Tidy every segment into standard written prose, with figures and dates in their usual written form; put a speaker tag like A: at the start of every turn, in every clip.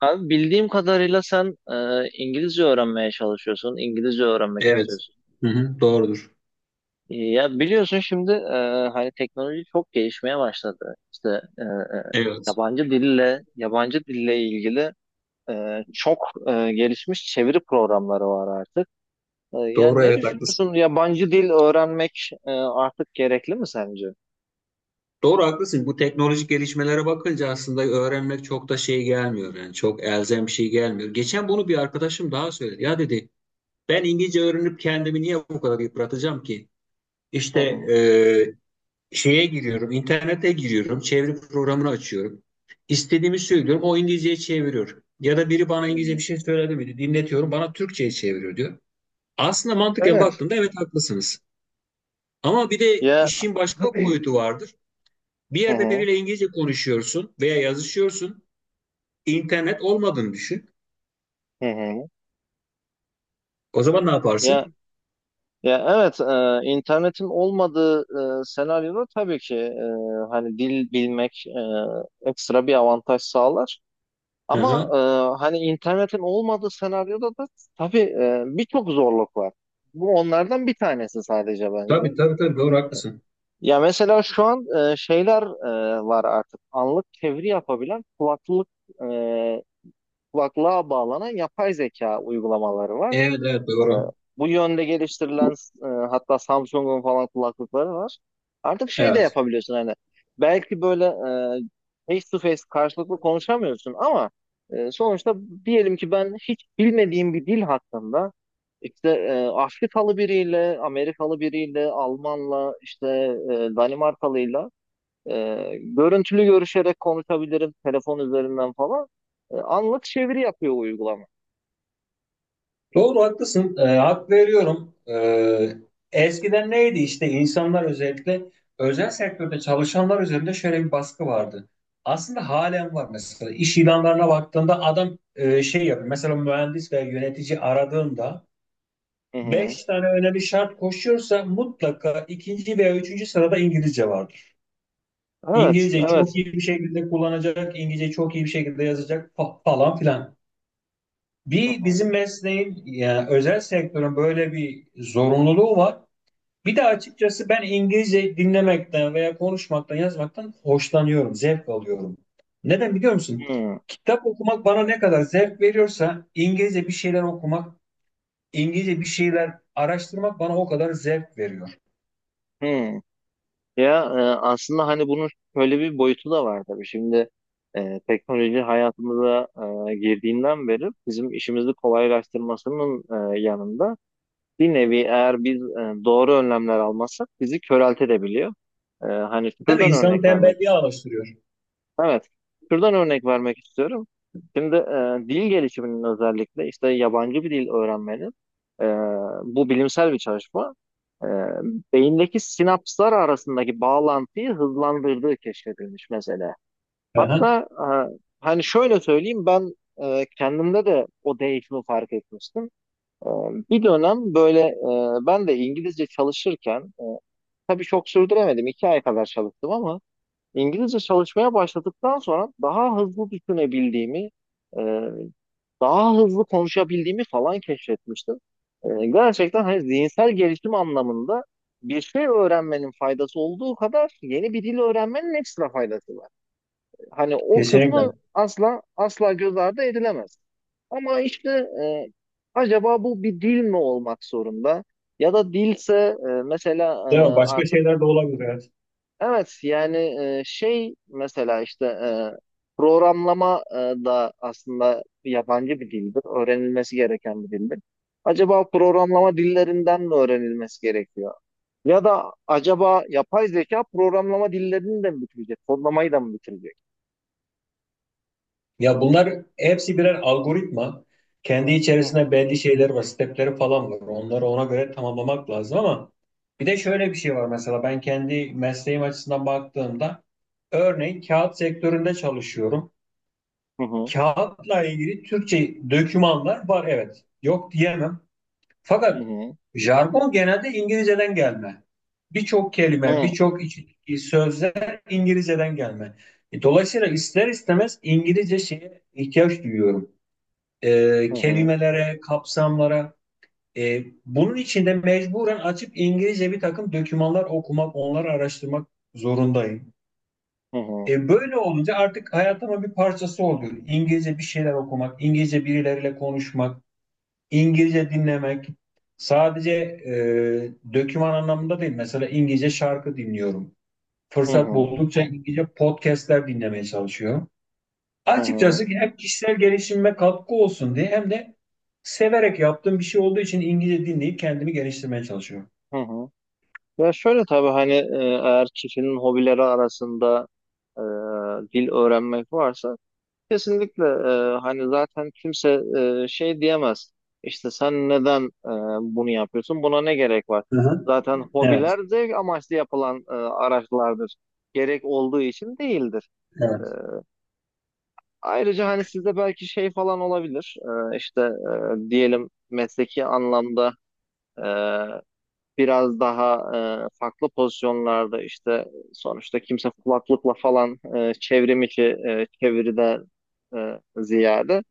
A: Abi bildiğim kadarıyla sen İngilizce öğrenmeye çalışıyorsun, İngilizce öğrenmek
B: Evet.
A: istiyorsun.
B: Hı hı, doğrudur.
A: Ya biliyorsun şimdi hani teknoloji çok gelişmeye başladı. İşte e, e,
B: Evet.
A: yabancı dille ilgili çok gelişmiş çeviri programları var artık. Yani
B: Doğru
A: ne
B: evet haklısın.
A: düşünüyorsun? Yabancı dil öğrenmek artık gerekli mi sence?
B: Doğru haklısın. Bu teknolojik gelişmelere bakınca aslında öğrenmek çok da şey gelmiyor yani çok elzem bir şey gelmiyor. Geçen bunu bir arkadaşım daha söyledi. Ya dedi ben İngilizce öğrenip kendimi niye bu kadar yıpratacağım ki?
A: Hı
B: İşte
A: hı.
B: e, şeye giriyorum, internete giriyorum, çeviri programını açıyorum. İstediğimi söylüyorum, o İngilizceyi çeviriyor. Ya da biri bana
A: Hı
B: İngilizce
A: hı.
B: bir şey söyledi mi? Dinletiyorum, bana Türkçe'ye çeviriyor diyor. Aslında mantıken
A: Evet.
B: baktığımda evet haklısınız. Ama bir de
A: Ya.
B: işin
A: Hı
B: başka
A: hı.
B: boyutu vardır. Bir yerde
A: Hı
B: biriyle İngilizce konuşuyorsun veya yazışıyorsun. İnternet olmadığını düşün.
A: hı. Hı hı.
B: O zaman ne
A: Ya
B: yaparsın?
A: Ya evet, internetin olmadığı senaryoda tabii ki hani dil bilmek ekstra bir avantaj sağlar.
B: Hı
A: Ama
B: hı.
A: hani internetin olmadığı senaryoda da tabii birçok zorluk var. Bu onlardan bir tanesi sadece bence.
B: Tabii tabii tabii doğru haklısın.
A: Ya mesela şu an şeyler var artık. Anlık çeviri yapabilen e, kulaklığa bağlanan yapay zeka uygulamaları var.
B: Evet evet
A: E,
B: doğru.
A: Bu yönde geliştirilen hatta Samsung'un falan kulaklıkları var. Artık şey de
B: Evet.
A: yapabiliyorsun hani belki böyle face to face karşılıklı konuşamıyorsun ama sonuçta diyelim ki ben hiç bilmediğim bir dil hakkında işte Afrikalı biriyle, Amerikalı biriyle, Almanla, işte Danimarkalıyla e, görüntülü görüşerek konuşabilirim telefon üzerinden falan. Anlık çeviri yapıyor uygulama.
B: Doğru haklısın. Hak veriyorum. Eskiden neydi işte insanlar özellikle özel sektörde çalışanlar üzerinde şöyle bir baskı vardı. Aslında halen var mesela. İş ilanlarına baktığında adam şey yapıyor. Mesela mühendis veya yönetici aradığında
A: Hı hı.
B: beş tane önemli şart koşuyorsa mutlaka ikinci veya üçüncü sırada İngilizce vardır.
A: Evet,
B: İngilizceyi çok
A: evet.
B: iyi bir şekilde kullanacak, İngilizceyi çok iyi bir şekilde yazacak falan filan.
A: Hı
B: Bir
A: hı.
B: bizim mesleğin yani özel sektörün böyle bir zorunluluğu var. Bir de açıkçası ben İngilizce dinlemekten veya konuşmaktan, yazmaktan hoşlanıyorum, zevk alıyorum. Neden biliyor musun?
A: Hmm,
B: Kitap okumak bana ne kadar zevk veriyorsa İngilizce bir şeyler okumak, İngilizce bir şeyler araştırmak bana o kadar zevk veriyor.
A: hmm. Ya aslında hani bunun şöyle bir boyutu da var tabii. Şimdi teknoloji hayatımıza girdiğinden beri bizim işimizi kolaylaştırmasının yanında bir nevi eğer biz doğru önlemler almazsak bizi köreltebiliyor. Hani
B: Değil mi?
A: şuradan
B: İnsanı
A: örnek vermek...
B: tembelliğe alıştırıyor.
A: Evet. Şuradan örnek vermek istiyorum. Şimdi dil gelişiminin özellikle işte yabancı bir dil öğrenmenin, e, bu bilimsel bir çalışma, e, beyindeki sinapslar arasındaki bağlantıyı hızlandırdığı keşfedilmiş mesela.
B: Aha,
A: Hatta hani şöyle söyleyeyim, ben kendimde de o değişimi fark etmiştim. E, Bir dönem böyle ben de İngilizce çalışırken tabii çok sürdüremedim. 2 ay kadar çalıştım ama İngilizce çalışmaya başladıktan sonra daha hızlı düşünebildiğimi, e, daha hızlı konuşabildiğimi falan keşfetmiştim. Gerçekten hani zihinsel gelişim anlamında bir şey öğrenmenin faydası olduğu kadar yeni bir dil öğrenmenin ekstra faydası var. Hani o
B: kesinlikle.
A: kısmı asla asla göz ardı edilemez. Ama işte e, acaba bu bir dil mi olmak zorunda? Ya da dilse mesela
B: Değil mi? Başka
A: artık...
B: şeyler de olabilir. Evet.
A: Evet, yani şey mesela işte programlama da aslında yabancı bir dildir. Öğrenilmesi gereken bir dildir. Acaba programlama dillerinden mi öğrenilmesi gerekiyor? Ya da acaba yapay zeka programlama dillerini de mi bitirecek? Kodlamayı da mı bitirecek?
B: Ya bunlar hepsi birer algoritma. Kendi
A: Hı
B: içerisinde
A: hı.
B: belli şeyler var, stepleri falan var. Onları ona göre tamamlamak lazım ama bir de şöyle bir şey var mesela ben kendi mesleğim açısından baktığımda örneğin kağıt sektöründe çalışıyorum.
A: Hı hı
B: Kağıtla ilgili Türkçe dokümanlar var evet. Yok diyemem. Fakat
A: hı
B: jargon genelde İngilizceden gelme. Birçok kelime,
A: hı
B: birçok sözler İngilizceden gelme. Dolayısıyla ister istemez İngilizce şeye ihtiyaç duyuyorum. E,
A: hı
B: kelimelere, kapsamlara. Bunun için de mecburen açıp İngilizce bir takım dokümanlar okumak, onları araştırmak zorundayım.
A: hı
B: Böyle olunca artık hayatımın bir parçası oluyor. İngilizce bir şeyler okumak, İngilizce birileriyle konuşmak. İngilizce dinlemek sadece döküman anlamında değil. Mesela İngilizce şarkı dinliyorum.
A: hı hı
B: Fırsat
A: hı
B: buldukça İngilizce podcastler dinlemeye çalışıyorum.
A: hı hı hı
B: Açıkçası hem kişisel gelişimime katkı olsun diye hem de severek yaptığım bir şey olduğu için İngilizce dinleyip kendimi geliştirmeye çalışıyorum.
A: hı hı. Ya şöyle tabii hani eğer kişinin hobileri arasında e, dil öğrenmek varsa, kesinlikle hani zaten kimse şey diyemez. İşte sen neden bunu yapıyorsun? Buna ne gerek var?
B: Hı hı.
A: Zaten
B: Evet,
A: hobiler zevk amaçlı yapılan araçlardır. Gerek olduğu için değildir. E,
B: evet.
A: Ayrıca hani sizde belki şey falan olabilir. İşte diyelim, mesleki anlamda e, biraz daha farklı pozisyonlarda işte, sonuçta kimse kulaklıkla falan çevrim içi çeviriden ziyade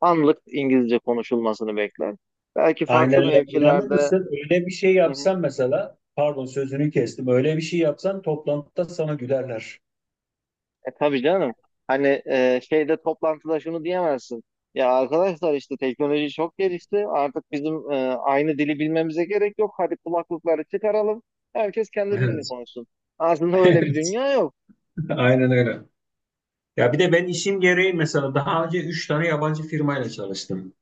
A: anlık İngilizce konuşulmasını bekler. Belki
B: Aynen
A: farklı
B: öyle. İnanır
A: mevkilerde.
B: mısın? Öyle bir şey
A: Hı hı.
B: yapsam mesela, pardon sözünü kestim. Öyle bir şey yapsan toplantıda sana gülerler.
A: E tabii canım. Hani şeyde, toplantıda şunu diyemezsin. Ya arkadaşlar, işte teknoloji çok gelişti. Artık bizim aynı dili bilmemize gerek yok. Hadi kulaklıkları çıkaralım. Herkes kendi dilini
B: Evet.
A: konuşsun. Aslında öyle bir
B: Evet.
A: dünya yok.
B: Aynen öyle. Ya bir de ben işim gereği mesela daha önce üç tane yabancı firmayla çalıştım.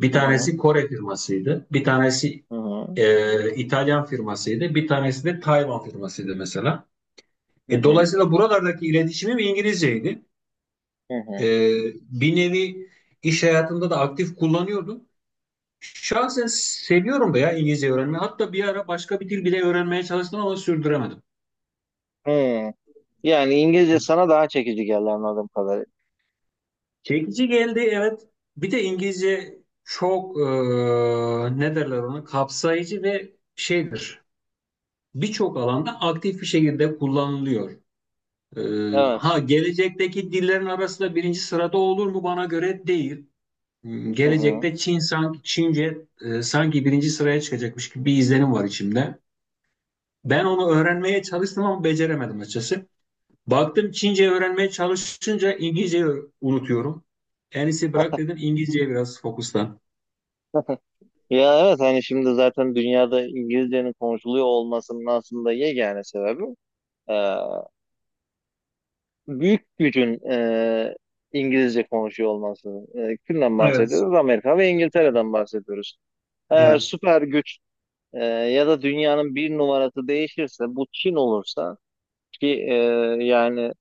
B: Bir
A: Hı hı.
B: tanesi Kore firmasıydı, bir tanesi
A: Hı hı.
B: İtalyan firmasıydı, bir tanesi de Tayvan firmasıydı mesela.
A: Hı
B: E,
A: hı.
B: dolayısıyla buralardaki iletişimim İngilizceydi.
A: Hı
B: E,
A: hı.
B: bir nevi iş hayatımda da aktif kullanıyordum. Şahsen seviyorum da ya İngilizce öğrenmeyi. Hatta bir ara başka bir dil bile öğrenmeye çalıştım ama sürdüremedim.
A: Hı. Yani İngilizce sana daha çekici geldi anladığım kadarıyla.
B: Çekici geldi evet. Bir de İngilizce çok ne derler ona kapsayıcı ve şeydir. Birçok alanda aktif bir şekilde kullanılıyor.
A: Evet.
B: Ha gelecekteki dillerin arasında birinci sırada olur mu bana göre değil.
A: Hı hı.
B: Gelecekte Çin sanki Çince sanki birinci sıraya çıkacakmış gibi bir izlenim var içimde. Ben onu öğrenmeye çalıştım ama beceremedim açıkçası. Baktım Çince öğrenmeye çalışınca İngilizceyi unutuyorum. En iyisi bırak dedim İngilizceye biraz fokuslan.
A: Ya evet, hani şimdi zaten dünyada İngilizcenin konuşuluyor olmasının aslında yegane sebebi e, büyük gücün İngilizce konuşuyor olması. Kimden
B: Evet,
A: bahsediyoruz? Amerika ve İngiltere'den bahsediyoruz. Eğer
B: evet.
A: süper güç ya da dünyanın bir numarası değişirse, bu Çin olursa, ki yani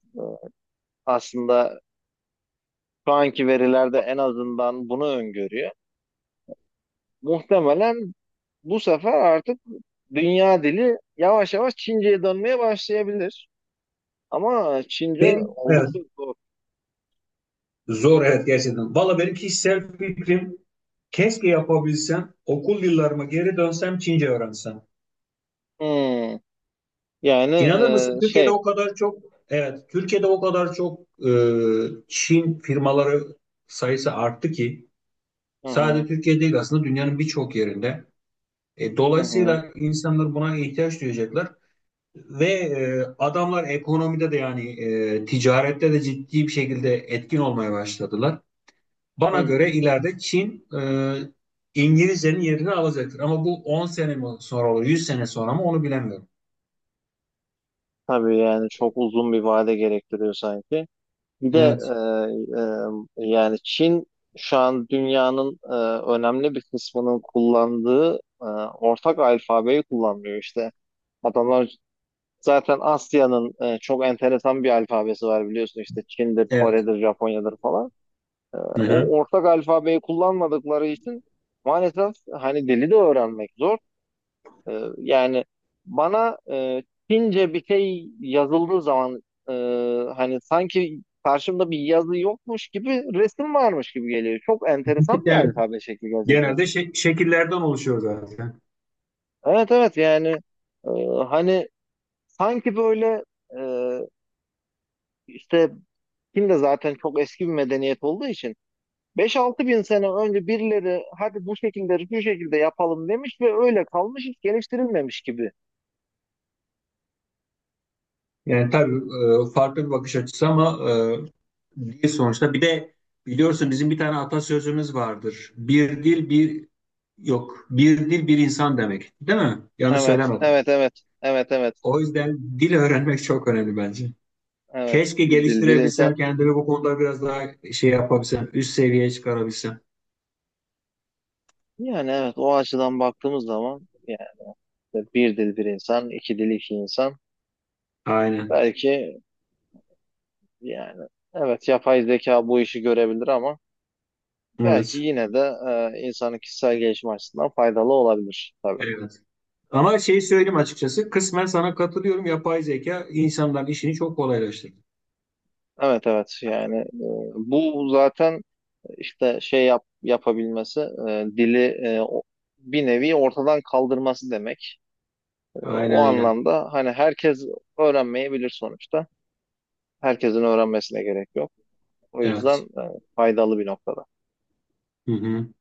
A: aslında şu anki verilerde en azından bunu öngörüyor. Muhtemelen bu sefer artık dünya dili yavaş yavaş Çince'ye dönmeye başlayabilir. Ama Çince
B: Benim, evet,
A: oldukça zor.
B: zor evet gerçekten. Valla benim kişisel fikrim keşke yapabilsem, okul yıllarıma geri dönsem Çince öğrensem.
A: Hmm. Yani
B: İnanır mısın Türkiye'de
A: şey.
B: o kadar çok, evet Türkiye'de o kadar çok e, Çin firmaları sayısı arttı ki
A: Hı hı.
B: sadece Türkiye değil aslında dünyanın birçok yerinde. E,
A: Hı hı.
B: dolayısıyla insanlar buna ihtiyaç duyacaklar. Ve adamlar ekonomide de yani ticarette de ciddi bir şekilde etkin olmaya başladılar. Bana
A: Hı.
B: göre ileride Çin İngilizcenin yerini alacaktır. Ama bu 10 sene mi sonra olur, 100 sene sonra mı onu bilemiyorum.
A: Tabii yani çok uzun bir vade gerektiriyor sanki. Bir de
B: Evet.
A: yani Çin şu an dünyanın önemli bir kısmının kullandığı ortak alfabeyi kullanmıyor işte. Adamlar zaten, Asya'nın çok enteresan bir alfabesi var biliyorsun, işte Çin'dir,
B: Evet.
A: Kore'dir, Japonya'dır falan.
B: Hı hı.
A: O ortak alfabeyi kullanmadıkları için maalesef hani dili de öğrenmek zor. Yani bana Çince bir şey yazıldığı zaman, e, hani sanki karşımda bir yazı yokmuş gibi, resim varmış gibi geliyor. Çok enteresan bir
B: Evet.
A: alfabe şekli gerçekten.
B: Genelde şekillerden oluşuyor zaten.
A: Evet, evet, yani e, hani sanki böyle e, işte, Çin de zaten çok eski bir medeniyet olduğu için, 5-6 bin sene önce birileri hadi bu şekilde bu şekilde yapalım demiş ve öyle kalmış, hiç geliştirilmemiş gibi.
B: Yani tabii farklı bir bakış açısı ama değil sonuçta. Bir de biliyorsun bizim bir tane atasözümüz vardır. Bir dil bir yok. Bir dil bir insan demek. Değil mi? Yanlış
A: Evet,
B: söylemedim.
A: evet, evet, evet, evet,
B: O yüzden dil öğrenmek çok önemli bence.
A: evet.
B: Keşke
A: Bir dil bir
B: geliştirebilsem
A: insan.
B: kendimi bu konuda biraz daha şey yapabilsem, üst seviyeye çıkarabilsem.
A: Yani evet, o açıdan baktığımız zaman yani, bir dil bir insan, iki dil iki insan.
B: Aynen.
A: Belki, yani evet, yapay zeka bu işi görebilir ama belki
B: Evet.
A: yine de insanın kişisel gelişim açısından faydalı olabilir tabii.
B: Evet. Ama şeyi söyleyeyim açıkçası. Kısmen sana katılıyorum. Yapay zeka insanların işini çok kolaylaştırdı.
A: Evet, evet, yani bu zaten işte şey yapabilmesi, dili bir nevi ortadan kaldırması demek. O
B: Aynen öyle.
A: anlamda hani herkes öğrenmeyebilir sonuçta. Herkesin öğrenmesine gerek yok. O yüzden
B: Evet.
A: faydalı bir noktada.
B: Hı hı.